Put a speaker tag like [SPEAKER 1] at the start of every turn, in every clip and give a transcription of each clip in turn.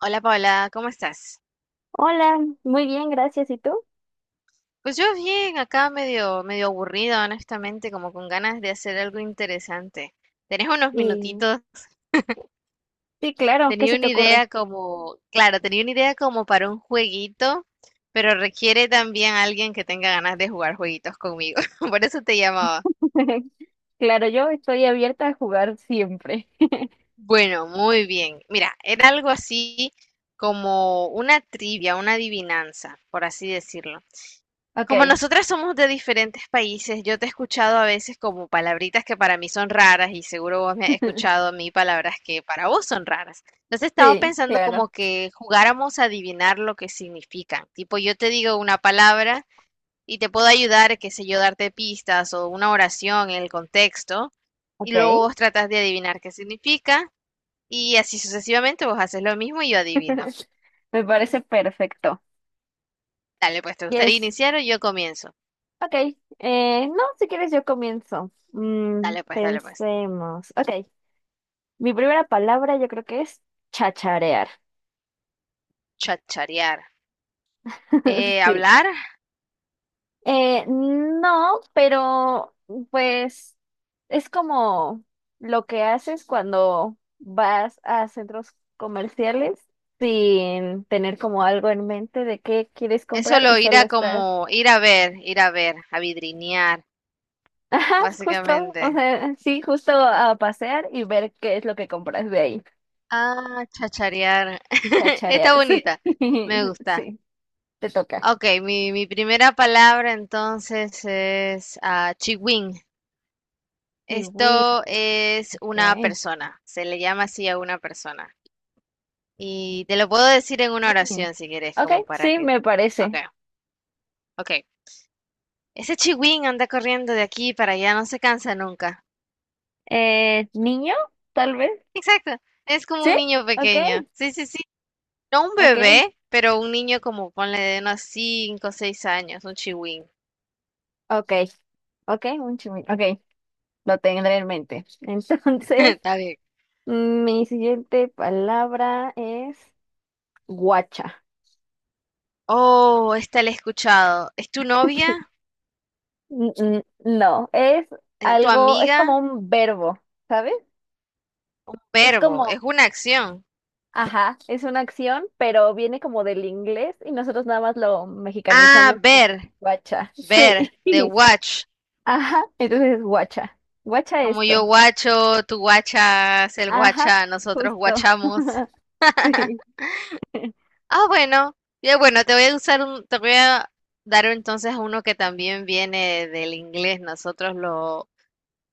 [SPEAKER 1] Hola Paula, ¿cómo estás?
[SPEAKER 2] Hola, muy bien, gracias. ¿Y tú?
[SPEAKER 1] Pues yo bien, acá medio aburrida, honestamente, como con ganas de hacer algo interesante. ¿Tenés unos
[SPEAKER 2] Y
[SPEAKER 1] minutitos?
[SPEAKER 2] sí, claro, ¿qué se te ocurre?
[SPEAKER 1] Tenía una idea como para un jueguito, pero requiere también alguien que tenga ganas de jugar jueguitos conmigo. Por eso te llamaba.
[SPEAKER 2] Claro, yo estoy abierta a jugar siempre.
[SPEAKER 1] Bueno, muy bien. Mira, era algo así como una trivia, una adivinanza, por así decirlo. Como
[SPEAKER 2] Ok,
[SPEAKER 1] nosotras somos de diferentes países, yo te he escuchado a veces como palabritas que para mí son raras y seguro vos me has escuchado a mí palabras que para vos son raras. Entonces estaba
[SPEAKER 2] sí,
[SPEAKER 1] pensando
[SPEAKER 2] claro.
[SPEAKER 1] como que jugáramos a adivinar lo que significan. Tipo, yo te digo una palabra y te puedo ayudar, qué sé yo, darte pistas o una oración en el contexto y
[SPEAKER 2] Ok,
[SPEAKER 1] luego vos tratas de adivinar qué significa y así sucesivamente vos haces lo mismo y yo adivino.
[SPEAKER 2] me parece perfecto.
[SPEAKER 1] Dale, pues, ¿te gustaría
[SPEAKER 2] ¿Quieres?
[SPEAKER 1] iniciar o yo comienzo?
[SPEAKER 2] Ok, no, si quieres yo comienzo. Mm,
[SPEAKER 1] Dale, pues, dale, pues.
[SPEAKER 2] pensemos. Ok, mi primera palabra yo creo que es chacharear.
[SPEAKER 1] Chacharear.
[SPEAKER 2] Sí.
[SPEAKER 1] Hablar
[SPEAKER 2] No, pero pues es como lo que haces cuando vas a centros comerciales sin tener como algo en mente de qué quieres
[SPEAKER 1] es
[SPEAKER 2] comprar y
[SPEAKER 1] solo ir
[SPEAKER 2] solo
[SPEAKER 1] a
[SPEAKER 2] estás,
[SPEAKER 1] como, ir a ver, a vidrinear,
[SPEAKER 2] ajá, justo, o
[SPEAKER 1] básicamente.
[SPEAKER 2] sea, sí, justo a pasear y ver qué es lo que compras de ahí,
[SPEAKER 1] Ah, chacharear.
[SPEAKER 2] a
[SPEAKER 1] Está
[SPEAKER 2] charear, sí,
[SPEAKER 1] bonita, me gusta.
[SPEAKER 2] sí, te toca.
[SPEAKER 1] Ok, mi primera palabra entonces es chiwin.
[SPEAKER 2] Kiwi,
[SPEAKER 1] Esto es
[SPEAKER 2] ok.
[SPEAKER 1] una persona, se le llama así a una persona. Y te lo puedo decir en una oración si quieres,
[SPEAKER 2] Ok,
[SPEAKER 1] como para
[SPEAKER 2] sí,
[SPEAKER 1] que...
[SPEAKER 2] me
[SPEAKER 1] Ok,
[SPEAKER 2] parece.
[SPEAKER 1] ok. Ese chiwin anda corriendo de aquí para allá, no se cansa nunca.
[SPEAKER 2] Niño, tal vez.
[SPEAKER 1] Exacto, es como un
[SPEAKER 2] ¿Sí?
[SPEAKER 1] niño
[SPEAKER 2] Ok,
[SPEAKER 1] pequeño. Sí, sí, sí. No un
[SPEAKER 2] ok,
[SPEAKER 1] bebé, pero un niño como ponle de unos 5, o 6 años, un chihuín.
[SPEAKER 2] ok, ok, ok, lo tendré en mente. Entonces,
[SPEAKER 1] Está bien.
[SPEAKER 2] mi siguiente palabra es guacha.
[SPEAKER 1] Oh, esta la he escuchado. ¿Es tu novia?
[SPEAKER 2] No, es
[SPEAKER 1] ¿Tu
[SPEAKER 2] algo, es como
[SPEAKER 1] amiga?
[SPEAKER 2] un verbo, ¿sabes?
[SPEAKER 1] Un
[SPEAKER 2] Es
[SPEAKER 1] verbo,
[SPEAKER 2] como,
[SPEAKER 1] es una acción.
[SPEAKER 2] ajá, es una acción, pero viene como del inglés y nosotros nada más lo
[SPEAKER 1] Ah,
[SPEAKER 2] mexicanizamos como que guacha. Sí,
[SPEAKER 1] ver, the watch.
[SPEAKER 2] ajá, entonces es guacha. Guacha
[SPEAKER 1] Como yo
[SPEAKER 2] esto.
[SPEAKER 1] guacho, tú guachas, él
[SPEAKER 2] Ajá,
[SPEAKER 1] guacha, nosotros
[SPEAKER 2] justo,
[SPEAKER 1] guachamos.
[SPEAKER 2] sí.
[SPEAKER 1] Ah, bueno. Ya, bueno, te voy a dar entonces uno que también viene del inglés. Nosotros lo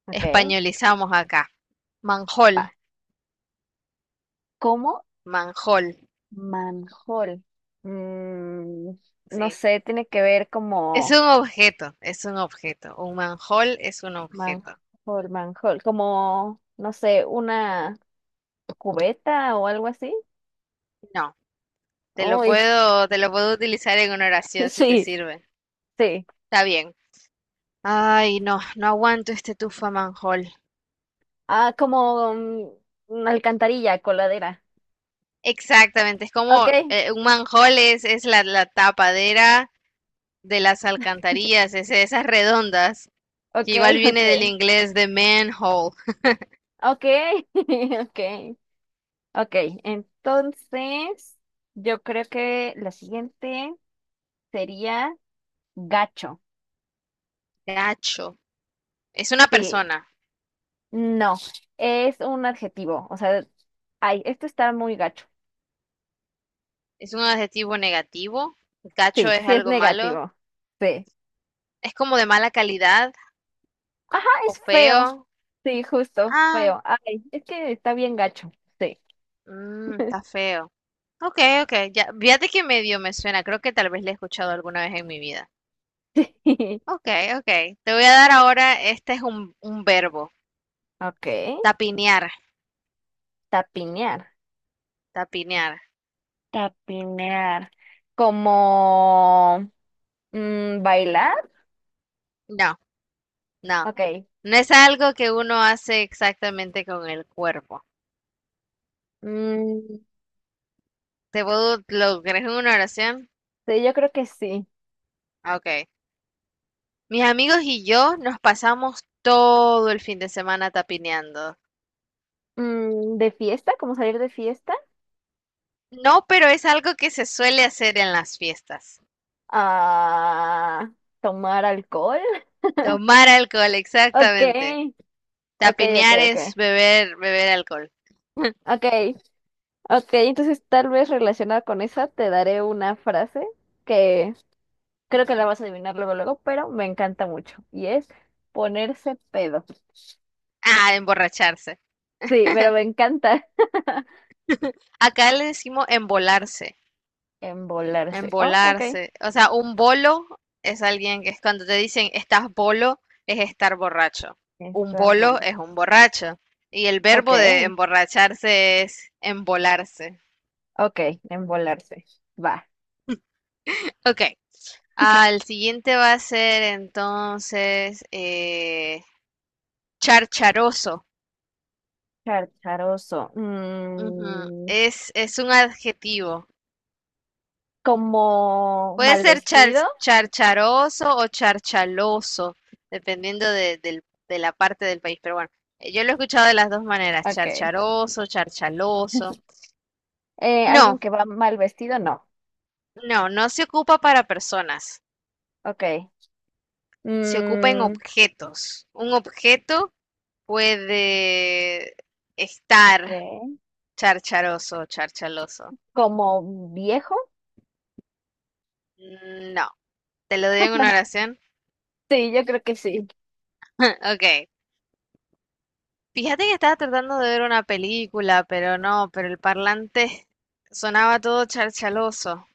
[SPEAKER 2] Ok,
[SPEAKER 1] españolizamos acá.
[SPEAKER 2] va.
[SPEAKER 1] Manjol,
[SPEAKER 2] Como
[SPEAKER 1] manjol,
[SPEAKER 2] manjol. Mm, no
[SPEAKER 1] sí.
[SPEAKER 2] sé, tiene que ver como
[SPEAKER 1] Es un objeto. Un manjol es un objeto.
[SPEAKER 2] manjol, manjol, como, no sé, una cubeta o algo así.
[SPEAKER 1] No,
[SPEAKER 2] Uy,
[SPEAKER 1] te lo puedo utilizar en una oración si te
[SPEAKER 2] sí,
[SPEAKER 1] sirve.
[SPEAKER 2] sí.
[SPEAKER 1] Está bien. Ay, no, no aguanto este tufa manjol.
[SPEAKER 2] Ah, como una alcantarilla, coladera.
[SPEAKER 1] Exactamente, es como
[SPEAKER 2] Ok,
[SPEAKER 1] un manjol es la, la tapadera de las alcantarillas, ese- esas redondas, que
[SPEAKER 2] ok,
[SPEAKER 1] igual viene
[SPEAKER 2] ok,
[SPEAKER 1] del inglés de manhole,
[SPEAKER 2] ok, ok, ok. Entonces, yo creo que la siguiente sería gacho.
[SPEAKER 1] gacho. Es una
[SPEAKER 2] Sí.
[SPEAKER 1] persona,
[SPEAKER 2] No, es un adjetivo. O sea, ay, esto está muy gacho.
[SPEAKER 1] es un adjetivo negativo,
[SPEAKER 2] Sí,
[SPEAKER 1] gacho es
[SPEAKER 2] sí es
[SPEAKER 1] algo malo,
[SPEAKER 2] negativo. Sí.
[SPEAKER 1] es como de mala calidad
[SPEAKER 2] Ajá,
[SPEAKER 1] o
[SPEAKER 2] es feo.
[SPEAKER 1] feo.
[SPEAKER 2] Sí, justo,
[SPEAKER 1] Ah,
[SPEAKER 2] feo. Ay, es que está bien gacho. Sí.
[SPEAKER 1] mm, está feo. Ok, ok, ya, fíjate que medio me suena, creo que tal vez le he escuchado alguna vez en mi vida. Ok, ok, te voy a dar ahora, este es un verbo,
[SPEAKER 2] Ok,
[SPEAKER 1] tapinear,
[SPEAKER 2] tapinear.
[SPEAKER 1] tapinear.
[SPEAKER 2] Tapinear. Como bailar.
[SPEAKER 1] No, no.
[SPEAKER 2] Ok.
[SPEAKER 1] No es algo que uno hace exactamente con el cuerpo.
[SPEAKER 2] Mm,
[SPEAKER 1] ¿Te puedo lograr en una oración?
[SPEAKER 2] sí, yo creo que sí.
[SPEAKER 1] Ah, Ok. Mis amigos y yo nos pasamos todo el fin de semana tapineando.
[SPEAKER 2] De fiesta, como salir de fiesta.
[SPEAKER 1] No, pero es algo que se suele hacer en las fiestas.
[SPEAKER 2] Ah, tomar alcohol.
[SPEAKER 1] Tomar alcohol,
[SPEAKER 2] Ok,
[SPEAKER 1] exactamente.
[SPEAKER 2] ok, ok,
[SPEAKER 1] Tapinear
[SPEAKER 2] ok.
[SPEAKER 1] es beber, beber alcohol.
[SPEAKER 2] Ok, ok, entonces tal vez relacionada con esa te daré una frase que creo que la vas a adivinar luego, luego, pero me encanta mucho y es ponerse pedo.
[SPEAKER 1] Ah, emborracharse.
[SPEAKER 2] Sí, pero me encanta
[SPEAKER 1] Acá le decimos embolarse.
[SPEAKER 2] embolarse. Oh, ok,
[SPEAKER 1] Embolarse. O sea, un bolo es alguien que es cuando te dicen estás bolo, es estar borracho. Un
[SPEAKER 2] está
[SPEAKER 1] bolo
[SPEAKER 2] bola.
[SPEAKER 1] es un borracho. Y el
[SPEAKER 2] Ok,
[SPEAKER 1] verbo de emborracharse es embolarse.
[SPEAKER 2] ok, embolarse. Va,
[SPEAKER 1] Ok. Al siguiente va a ser entonces charcharoso.
[SPEAKER 2] charcharoso.
[SPEAKER 1] Ujú. Es un adjetivo.
[SPEAKER 2] Como
[SPEAKER 1] Puede
[SPEAKER 2] mal
[SPEAKER 1] ser
[SPEAKER 2] vestido.
[SPEAKER 1] charcharoso o charchaloso, dependiendo de, del- de la parte del país. Pero bueno, yo lo he escuchado de las dos maneras,
[SPEAKER 2] Ok.
[SPEAKER 1] charcharoso, charchaloso.
[SPEAKER 2] ¿Alguien
[SPEAKER 1] No,
[SPEAKER 2] que va mal vestido? No.
[SPEAKER 1] no, no se ocupa para personas,
[SPEAKER 2] Ok.
[SPEAKER 1] se ocupa en
[SPEAKER 2] Mm,
[SPEAKER 1] objetos. Un objeto puede estar
[SPEAKER 2] ok.
[SPEAKER 1] charcharoso o charchaloso.
[SPEAKER 2] ¿Como viejo?
[SPEAKER 1] No, te lo doy en una oración.
[SPEAKER 2] Sí, yo creo que sí.
[SPEAKER 1] Ok, Fíjate que estaba tratando de ver una película, pero no, pero el parlante sonaba todo charchaloso.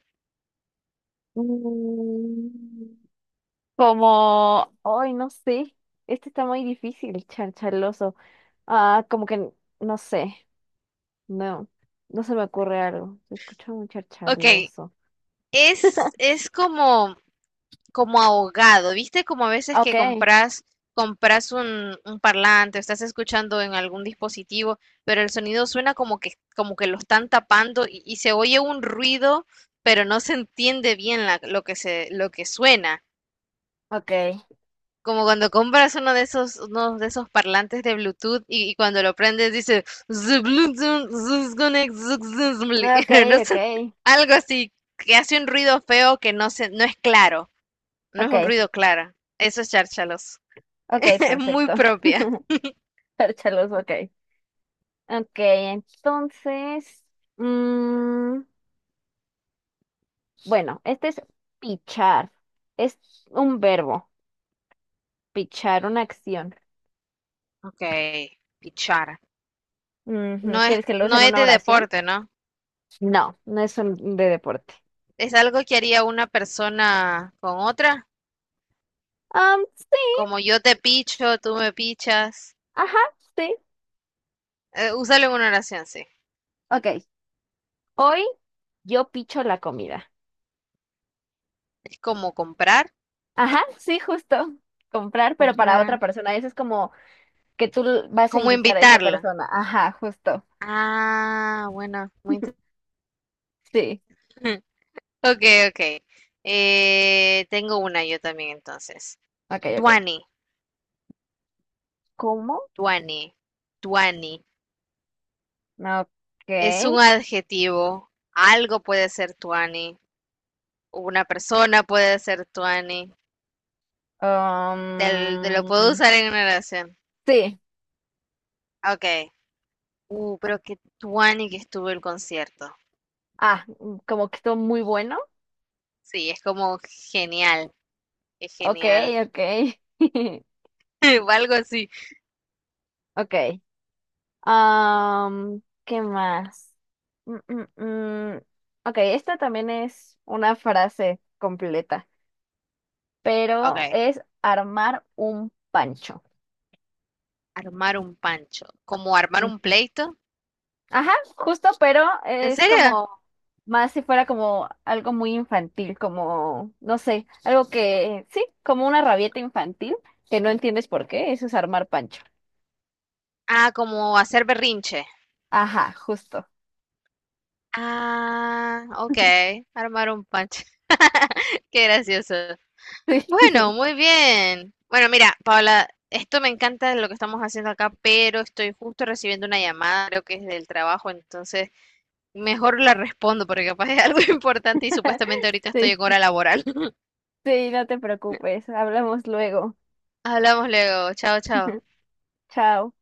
[SPEAKER 2] Mm, Como, ay, no sé. Este está muy difícil, charchaloso. Ah, como que, no sé. No, no se me ocurre algo. Se escucha muy
[SPEAKER 1] Ok,
[SPEAKER 2] charchaloso.
[SPEAKER 1] es como, como ahogado, ¿viste? Como a veces que
[SPEAKER 2] Ok,
[SPEAKER 1] compras, compras un parlante, estás escuchando en algún dispositivo, pero el sonido suena como que lo están tapando y se oye un ruido, pero no se entiende bien lo que se, lo que suena.
[SPEAKER 2] ok,
[SPEAKER 1] Como cuando compras uno de esos parlantes de Bluetooth y cuando lo prendes dice "The Bluetooth is connect successfully".
[SPEAKER 2] ok,
[SPEAKER 1] No
[SPEAKER 2] ok,
[SPEAKER 1] sé, algo así que hace un ruido feo que no es claro, no es un
[SPEAKER 2] ok,
[SPEAKER 1] ruido claro. Eso es chárchalos.
[SPEAKER 2] ok,
[SPEAKER 1] Es muy
[SPEAKER 2] perfecto.
[SPEAKER 1] propia.
[SPEAKER 2] Charchaloso, ok. Ok, entonces, mm, bueno, este es pichar. Es un verbo. Pichar una acción.
[SPEAKER 1] Ok, pichar.
[SPEAKER 2] Ujú, ¿quieres que lo sea
[SPEAKER 1] No
[SPEAKER 2] en
[SPEAKER 1] es
[SPEAKER 2] una
[SPEAKER 1] de
[SPEAKER 2] oración?
[SPEAKER 1] deporte, ¿no?
[SPEAKER 2] No, no es un de deporte.
[SPEAKER 1] Es algo que haría una persona con otra,
[SPEAKER 2] Um Sí,
[SPEAKER 1] como yo te picho, tú me pichas.
[SPEAKER 2] ajá, sí.
[SPEAKER 1] Úsalo en una oración, sí.
[SPEAKER 2] Ok. Hoy yo picho la comida.
[SPEAKER 1] Es como
[SPEAKER 2] Ajá, sí, justo. Comprar, pero para otra
[SPEAKER 1] comprar.
[SPEAKER 2] persona. Eso es como que tú vas a
[SPEAKER 1] ¿Cómo
[SPEAKER 2] invitar a esa
[SPEAKER 1] invitarla?
[SPEAKER 2] persona. Ajá, justo.
[SPEAKER 1] Ah, bueno, muy interesante.
[SPEAKER 2] Sí.
[SPEAKER 1] Ok, ok. Tengo una yo también entonces.
[SPEAKER 2] Ok, ok.
[SPEAKER 1] Tuani,
[SPEAKER 2] ¿Cómo?
[SPEAKER 1] tuani, tuani.
[SPEAKER 2] Ok.
[SPEAKER 1] Es un adjetivo. Algo puede ser tuani. Una persona puede ser tuani. Te lo puedo
[SPEAKER 2] Um,
[SPEAKER 1] usar en una oración.
[SPEAKER 2] sí.
[SPEAKER 1] Ok. Pero qué tuani que estuvo el concierto.
[SPEAKER 2] Ah, como que estuvo muy bueno.
[SPEAKER 1] Sí, es como genial. Es
[SPEAKER 2] Ok,
[SPEAKER 1] genial.
[SPEAKER 2] ok.
[SPEAKER 1] O algo así.
[SPEAKER 2] Ok. ¿Qué más? Mm, mm, mm. Ok, esta también es una frase completa,
[SPEAKER 1] Ok.
[SPEAKER 2] pero es armar un pancho.
[SPEAKER 1] Armar un pancho. ¿Como armar un
[SPEAKER 2] Ujú.
[SPEAKER 1] pleito?
[SPEAKER 2] Ajá, justo, pero
[SPEAKER 1] ¿En
[SPEAKER 2] es
[SPEAKER 1] serio?
[SPEAKER 2] como más si fuera como algo muy infantil, como, no sé, algo que, sí, como una rabieta infantil, que no entiendes por qué, eso es armar pancho.
[SPEAKER 1] Ah, como hacer berrinche.
[SPEAKER 2] Ajá, justo.
[SPEAKER 1] Ah, ok. Armar un pancho. Qué gracioso. Bueno, muy bien. Bueno, mira, Paula, esto me encanta lo que estamos haciendo acá, pero estoy justo recibiendo una llamada, creo que es del trabajo, entonces mejor la respondo porque capaz es algo importante y supuestamente ahorita estoy
[SPEAKER 2] Sí,
[SPEAKER 1] en
[SPEAKER 2] sí,
[SPEAKER 1] hora laboral.
[SPEAKER 2] sí, no te preocupes, hablamos luego.
[SPEAKER 1] Hablamos luego. Chao, chao.
[SPEAKER 2] Chao.